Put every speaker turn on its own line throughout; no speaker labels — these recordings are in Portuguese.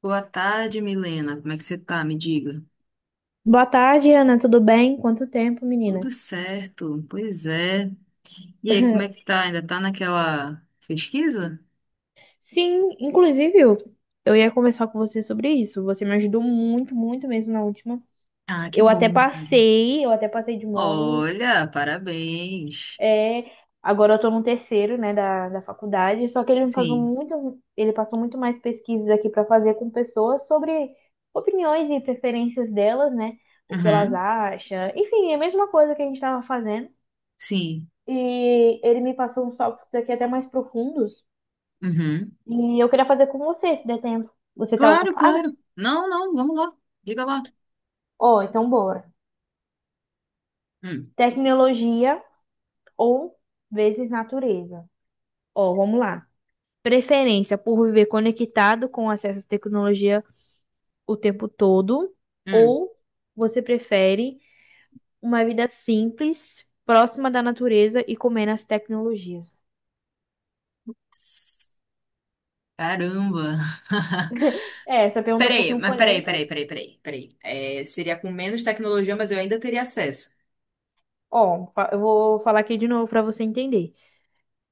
Boa tarde, Milena. Como é que você tá? Me diga.
Boa tarde, Ana. Tudo bem? Quanto tempo,
Tudo
menina?
certo, pois é. E aí, como é que tá? Ainda tá naquela pesquisa?
Sim, inclusive eu ia conversar com você sobre isso. Você me ajudou muito, muito mesmo na última.
Ah, que
Eu até
bom, cara.
passei, eu até passei de módulo.
Olha, parabéns.
É, agora eu tô no terceiro, né, da faculdade. Só que ele me passou
Sim.
muito, ele passou muito mais pesquisas aqui pra fazer com pessoas sobre opiniões e preferências delas, né? O que elas
Uhum.
acham. Enfim, é a mesma coisa que a gente tava fazendo.
Sim.
E ele me passou uns tópicos aqui até mais profundos.
Uhum.
E eu queria fazer com você, se der tempo. Você tá
Claro,
ocupada?
claro. Não, não, vamos lá. Diga lá.
Ó, então bora.
Hum.
Tecnologia ou vezes natureza. Ó, vamos lá. Preferência por viver conectado com acesso à tecnologia o tempo todo,
Hum.
ou você prefere uma vida simples, próxima da natureza e comer nas tecnologias?
Caramba.
É, essa pergunta é um
Peraí,
pouquinho
mas peraí,
polêmica.
peraí, peraí, peraí, peraí. É, seria com menos tecnologia, mas eu ainda teria acesso.
Ó, eu vou falar aqui de novo para você entender.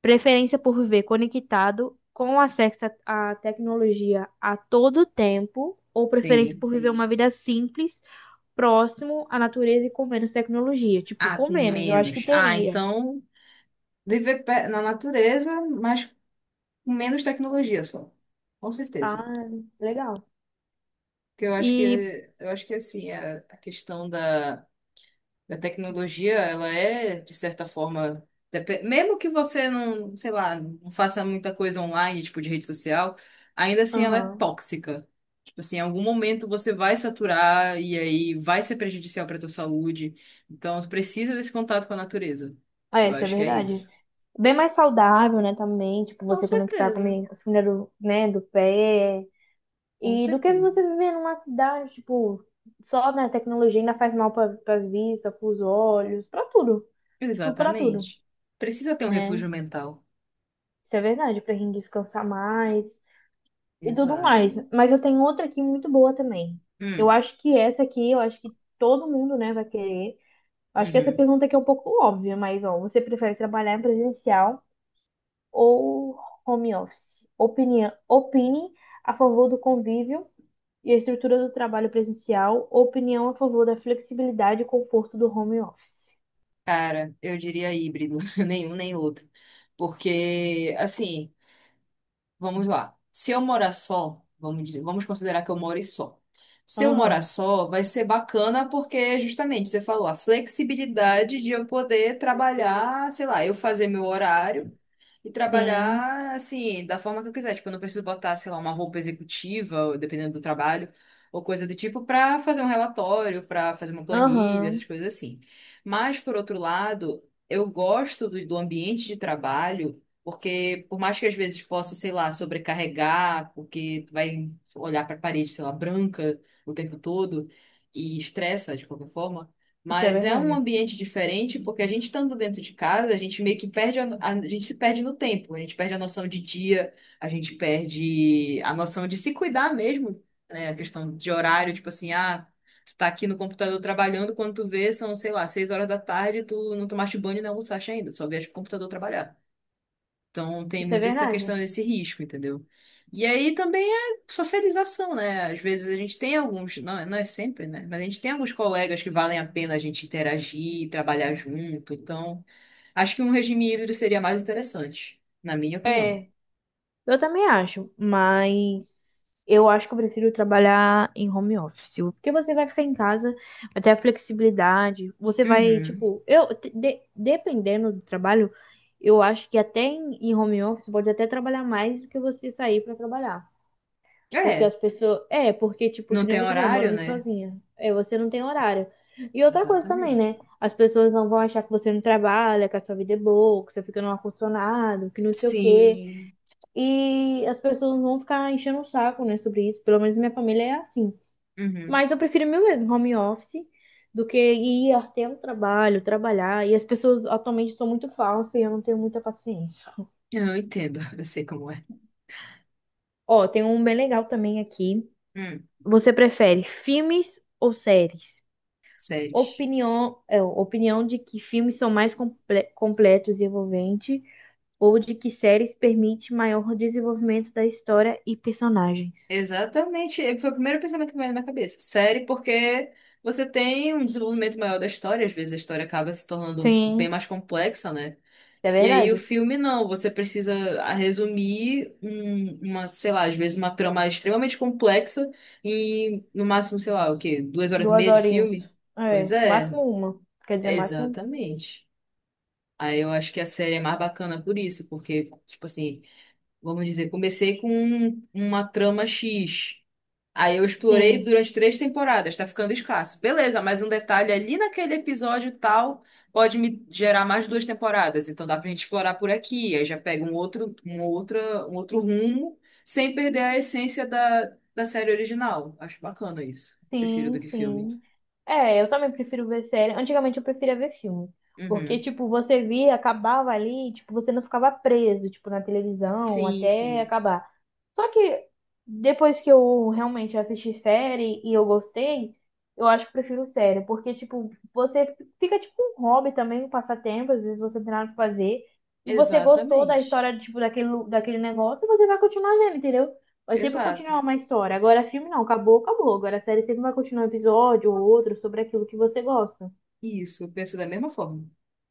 Preferência por viver conectado com acesso à tecnologia a todo tempo, ou preferência
Sim.
por viver uma vida simples, próximo à natureza e com menos tecnologia? Tipo,
Ah,
com
com
menos, eu acho que
menos. Ah,
teria.
então. Viver na natureza, mas com menos tecnologia só. Com
Ah,
certeza.
legal.
Porque eu acho
E,
que eu acho que assim, a questão da tecnologia, ela é, de certa forma, mesmo que você não, sei lá, não faça muita coisa online, tipo de rede social, ainda assim ela é
aham.
tóxica. Tipo assim, em algum momento você vai saturar e aí vai ser prejudicial para tua saúde. Então, você precisa desse contato com a natureza.
Ah, é,
Eu
isso é
acho que é
verdade.
isso.
Bem mais saudável, né, também, tipo,
Com
você conectar com
certeza,
a comida do, né, do pé,
com
e do que
certeza.
você viver numa cidade, tipo, só, né, tecnologia ainda faz mal para as vistas, para os olhos, para tudo. Tipo, para tudo,
Exatamente. Precisa ter um
né?
refúgio mental.
Isso é verdade, pra gente descansar mais e tudo
Exato.
mais. Mas eu tenho outra aqui muito boa também. Eu
Hum,
acho que essa aqui, eu acho que todo mundo, né, vai querer. Eu acho que essa
uhum.
pergunta aqui é um pouco óbvia, mas, ó, você prefere trabalhar em presencial ou home office? Opinião, opine a favor do convívio e a estrutura do trabalho presencial, opinião a favor da flexibilidade e conforto do home office.
Cara, eu diria híbrido, nenhum nem outro. Porque, assim, vamos lá. Se eu morar só, vamos considerar que eu moro só. Se eu morar
Aham,
só, vai ser bacana porque, justamente, você falou, a flexibilidade de eu poder trabalhar, sei lá, eu fazer meu horário. E
sim.
trabalhar, assim, da forma que eu quiser. Tipo, eu não preciso botar, sei lá, uma roupa executiva, ou dependendo do trabalho, ou coisa do tipo, pra fazer um relatório, pra fazer uma planilha, essas
Aham,
coisas assim. Mas, por outro lado, eu gosto do ambiente de trabalho, porque por mais que às vezes possa, sei lá, sobrecarregar, porque tu vai olhar pra parede, sei lá, branca o tempo todo, e estressa de qualquer forma.
isso é
Mas é um
verdade.
ambiente diferente porque a gente estando dentro de casa, a gente meio que perde gente se perde no tempo, a gente perde a noção de dia, a gente perde a noção de se cuidar mesmo, né? A questão de horário, tipo assim, ah, tu tá aqui no computador trabalhando, quando tu vê, são, sei lá, 6 horas da tarde, tu não tomaste banho e não almoçaste ainda, só vieste pro computador trabalhar. Então tem
Isso é
muito essa
verdade.
questão desse risco, entendeu? E aí também é socialização, né? Às vezes a gente tem alguns, não, não é sempre, né? Mas a gente tem alguns colegas que valem a pena a gente interagir, trabalhar junto. Então, acho que um regime híbrido seria mais interessante, na minha opinião.
É, eu também acho, mas eu acho que eu prefiro trabalhar em home office, porque você vai ficar em casa, vai ter a flexibilidade, você vai,
Uhum.
tipo, eu, dependendo do trabalho, eu acho que até em, em home office pode até trabalhar mais do que você sair para trabalhar. Porque
É,
as pessoas. É, porque, tipo,
não
que nem
tem
você falou,
horário,
morando
né?
sozinha. É, você não tem horário. E outra coisa também,
Exatamente.
né? As pessoas não vão achar que você não trabalha, que a sua vida é boa, que você fica no ar-condicionado, que não sei o quê.
Sim.
E as pessoas não vão ficar enchendo o saco, né, sobre isso. Pelo menos minha família é assim.
Uhum.
Mas eu prefiro meu mesmo home office do que ir até o trabalho, trabalhar. E as pessoas atualmente são muito falsas e eu não tenho muita paciência.
Eu entendo, eu sei como é.
Ó, tem um bem legal também aqui.
Hum,
Você prefere filmes ou séries?
sério.
Opinião, é, opinião de que filmes são mais completos e envolventes, ou de que séries permite maior desenvolvimento da história e personagens.
Exatamente. E foi o primeiro pensamento que veio na minha cabeça. Série, porque você tem um desenvolvimento maior da história, às vezes a história acaba se tornando bem
Sim,
mais complexa, né?
é
E aí o
verdade.
filme não, você precisa ah, resumir uma, sei lá, às vezes uma trama extremamente complexa em no máximo, sei lá, o quê? Duas horas e
Duas
meia de
horinhas.
filme? Pois
É,
é,
máximo uma. Quer dizer, máximo.
exatamente. Aí eu acho que a série é mais bacana por isso, porque, tipo assim, vamos dizer, comecei com uma trama X. Aí eu explorei
Sim.
durante três temporadas, tá ficando escasso. Beleza, mas um detalhe ali naquele episódio tal pode me gerar mais duas temporadas, então dá pra gente explorar por aqui. Aí já pega um outro, um outra, um outro rumo, sem perder a essência da série original. Acho bacana isso. Prefiro
Sim,
do que filme.
sim. É, eu também prefiro ver série. Antigamente eu preferia ver filme. Porque,
Uhum.
tipo, você via, acabava ali, tipo, você não ficava preso, tipo, na televisão
Sim,
até
sim.
acabar. Só que depois que eu realmente assisti série e eu gostei, eu acho que prefiro série. Porque, tipo, você fica tipo um hobby também, um passatempo, às vezes você não tem nada pra fazer. E você gostou da
Exatamente.
história, tipo, daquele, daquele negócio, você vai continuar vendo, entendeu? Vai sempre
Exato.
continuar uma história. Agora, filme não, acabou, acabou. Agora, a série sempre vai continuar um episódio ou outro sobre aquilo que você gosta,
Isso, eu penso da mesma forma.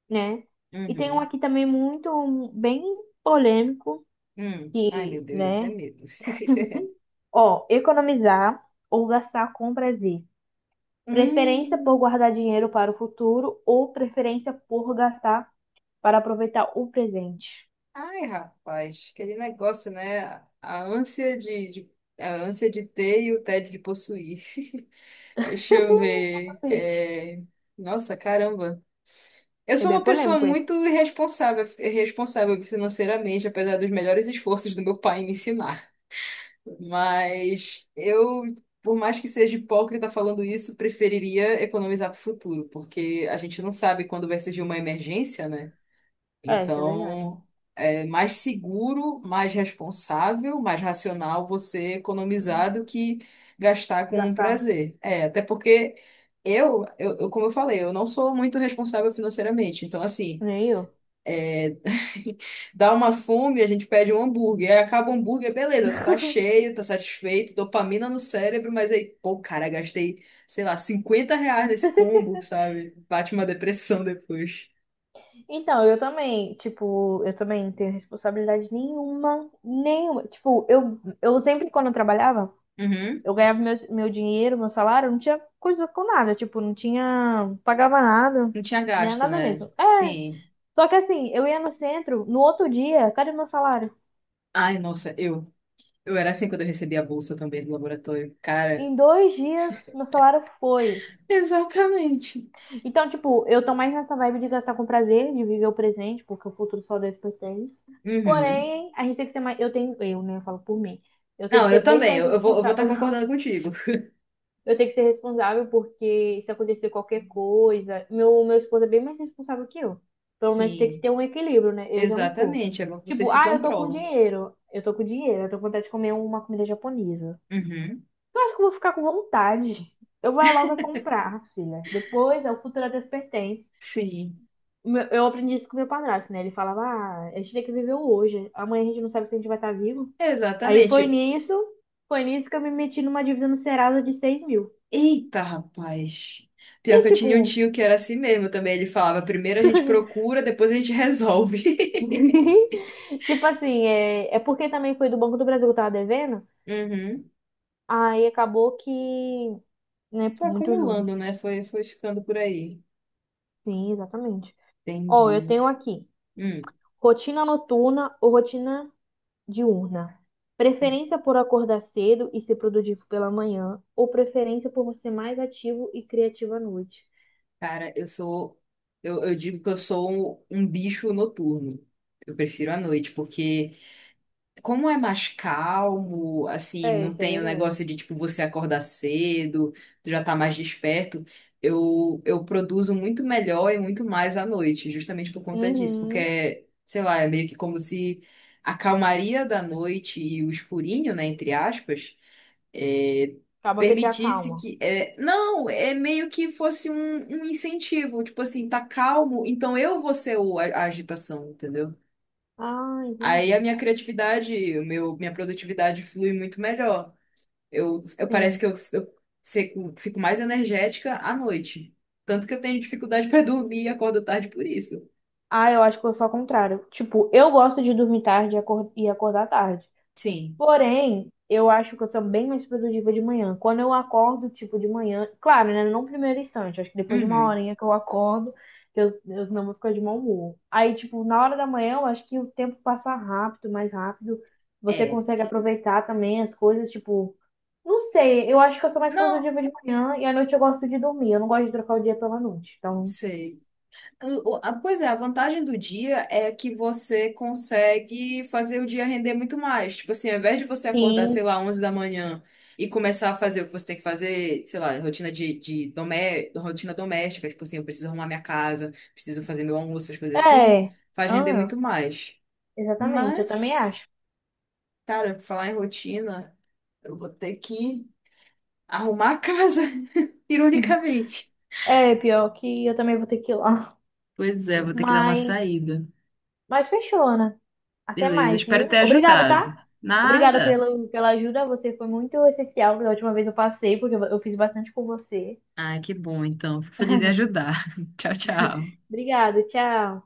né? E tem um
Uhum.
aqui também muito, um, bem polêmico,
Hum. Ai,
e,
meu Deus, dá até
né?
medo.
Ó, economizar ou gastar com prazer. Preferência por
Hum.
guardar dinheiro para o futuro ou preferência por gastar para aproveitar o presente.
Ai, rapaz, aquele negócio, né? A ânsia a ânsia de ter e o tédio de possuir. Deixa eu ver.
Tapete.
É, nossa, caramba. Eu
É
sou
bem
uma pessoa
polêmico esse.
muito irresponsável, irresponsável financeiramente, apesar dos melhores esforços do meu pai em me ensinar. Mas eu, por mais que seja hipócrita falando isso, preferiria economizar para o futuro, porque a gente não sabe quando vai surgir uma emergência, né?
É, isso é verdade.
Então, é mais seguro, mais responsável, mais racional você economizar do que gastar com um
Gastar,
prazer. É, até porque como eu falei, eu não sou muito responsável financeiramente. Então, assim,
nem eu.
dá uma fome, a gente pede um hambúrguer. Aí acaba o hambúrguer, beleza, tu tá cheio, tá satisfeito, dopamina no cérebro, mas aí, pô, cara, gastei, sei lá, R$ 50 nesse combo, sabe? Bate uma depressão depois.
Então, eu também, tipo, eu também não tenho responsabilidade nenhuma, nenhuma. Tipo, eu sempre, quando eu trabalhava,
Uhum.
eu ganhava meu, meu dinheiro, meu salário, não tinha coisa com nada, tipo, não tinha, pagava nada,
Não tinha
né,
gasto,
nada
né?
mesmo. É,
Sim.
só que assim, eu ia no centro, no outro dia, cadê meu salário?
Ai, nossa, eu era assim quando eu recebi a bolsa também do laboratório. Cara,
Em 2 dias, meu salário foi.
exatamente.
Então, tipo, eu tô mais nessa vibe de gastar com prazer, de viver o presente, porque o futuro só Deus pertence.
Uhum.
Porém, a gente tem que ser mais. Eu tenho. Eu, né? Eu falo por mim. Eu tenho
Não,
que ser
eu
bem
também,
mais
eu vou estar
responsável.
concordando contigo.
Eu tenho que ser responsável porque se acontecer qualquer coisa. Meu esposo é bem mais responsável que eu. Pelo menos tem que
Sim,
ter um equilíbrio, né? Eu já não tô.
exatamente, é bom que vocês
Tipo,
se
ah, eu tô com
controlam.
dinheiro. Eu tô com dinheiro. Eu tô com vontade de comer uma comida japonesa.
Uhum.
Eu acho que eu vou ficar com vontade. Eu vou é logo comprar, filha. Depois, é o futuro a Deus pertence.
Sim,
Eu aprendi isso com meu padrasto, né? Ele falava, ah, a gente tem que viver o hoje. Amanhã a gente não sabe se a gente vai estar vivo. Aí foi
exatamente.
nisso, foi nisso que eu me meti numa dívida no Serasa de 6.000.
Eita, rapaz.
E
Pior que eu
tipo,
tinha um tio que era assim mesmo também. Ele falava, primeiro a gente procura, depois a gente resolve.
tipo assim, é, é porque também foi do Banco do Brasil que eu tava devendo.
Uhum.
Aí acabou que, né,
Foi
muito juros.
acumulando, né? Foi ficando por aí.
Sim, exatamente. Ó, eu
Entendi.
tenho aqui,
Hum.
rotina noturna ou rotina diurna. Preferência por acordar cedo e ser produtivo pela manhã, ou preferência por ser mais ativo e criativo à noite.
Cara, eu sou. Eu digo que eu sou um bicho noturno. Eu prefiro a noite, porque como é mais calmo, assim,
É,
não
isso é
tem o
verdade.
negócio de, tipo, você acordar cedo, tu já tá mais desperto, eu produzo muito melhor e muito mais à noite, justamente por conta disso,
Uhum.
porque, sei lá, é meio que como se a calmaria da noite e o escurinho, né, entre aspas, é,
Acaba que te
permitisse
acalma.
que. É, não, é meio que fosse um incentivo, tipo assim, tá calmo, então eu vou ser o, a agitação, entendeu?
Ah,
Aí a
entendi.
minha criatividade, o meu, minha produtividade flui muito melhor. Eu parece
Sim.
que eu fico mais energética à noite. Tanto que eu tenho dificuldade para dormir e acordo tarde por isso.
Ah, eu acho que eu sou ao contrário. Tipo, eu gosto de dormir tarde e e acordar tarde.
Sim,
Porém, eu acho que eu sou bem mais produtiva de manhã. Quando eu acordo, tipo, de manhã, claro, né? Não no primeiro instante, acho que depois de uma
uhum.
horinha que eu acordo, que eu não vou ficar de mau humor. Aí, tipo, na hora da manhã, eu acho que o tempo passa rápido, mais rápido. Você
É.
consegue aproveitar também as coisas, tipo, não sei, eu acho que eu sou mais
Não
produtiva de manhã e à noite eu gosto de dormir. Eu não gosto de trocar o dia pela noite. Então,
sei. Pois é, a vantagem do dia é que você consegue fazer o dia render muito mais. Tipo assim, ao invés de você acordar,
sim,
sei lá, 11 da manhã e começar a fazer o que você tem que fazer, sei lá, rotina de domé rotina doméstica, tipo assim, eu preciso arrumar minha casa, preciso fazer meu almoço, essas coisas assim,
é.
faz render
Ah,
muito mais.
exatamente, eu também
Mas,
acho.
cara, pra falar em rotina, eu vou ter que arrumar a casa, ironicamente.
É, pior que eu também vou ter que ir lá.
Pois é, vou ter que dar uma
Mas,
saída.
mas fechou, Ana. Até
Beleza,
mais,
espero
viu?
ter
Obrigado,
ajudado.
tá? Obrigado
Nada.
pelo, pela ajuda. Você foi muito essencial. Da última vez eu passei, porque eu fiz bastante com você.
Ah, que bom, então. Fico feliz em ajudar. Tchau, tchau.
Obrigada, tchau.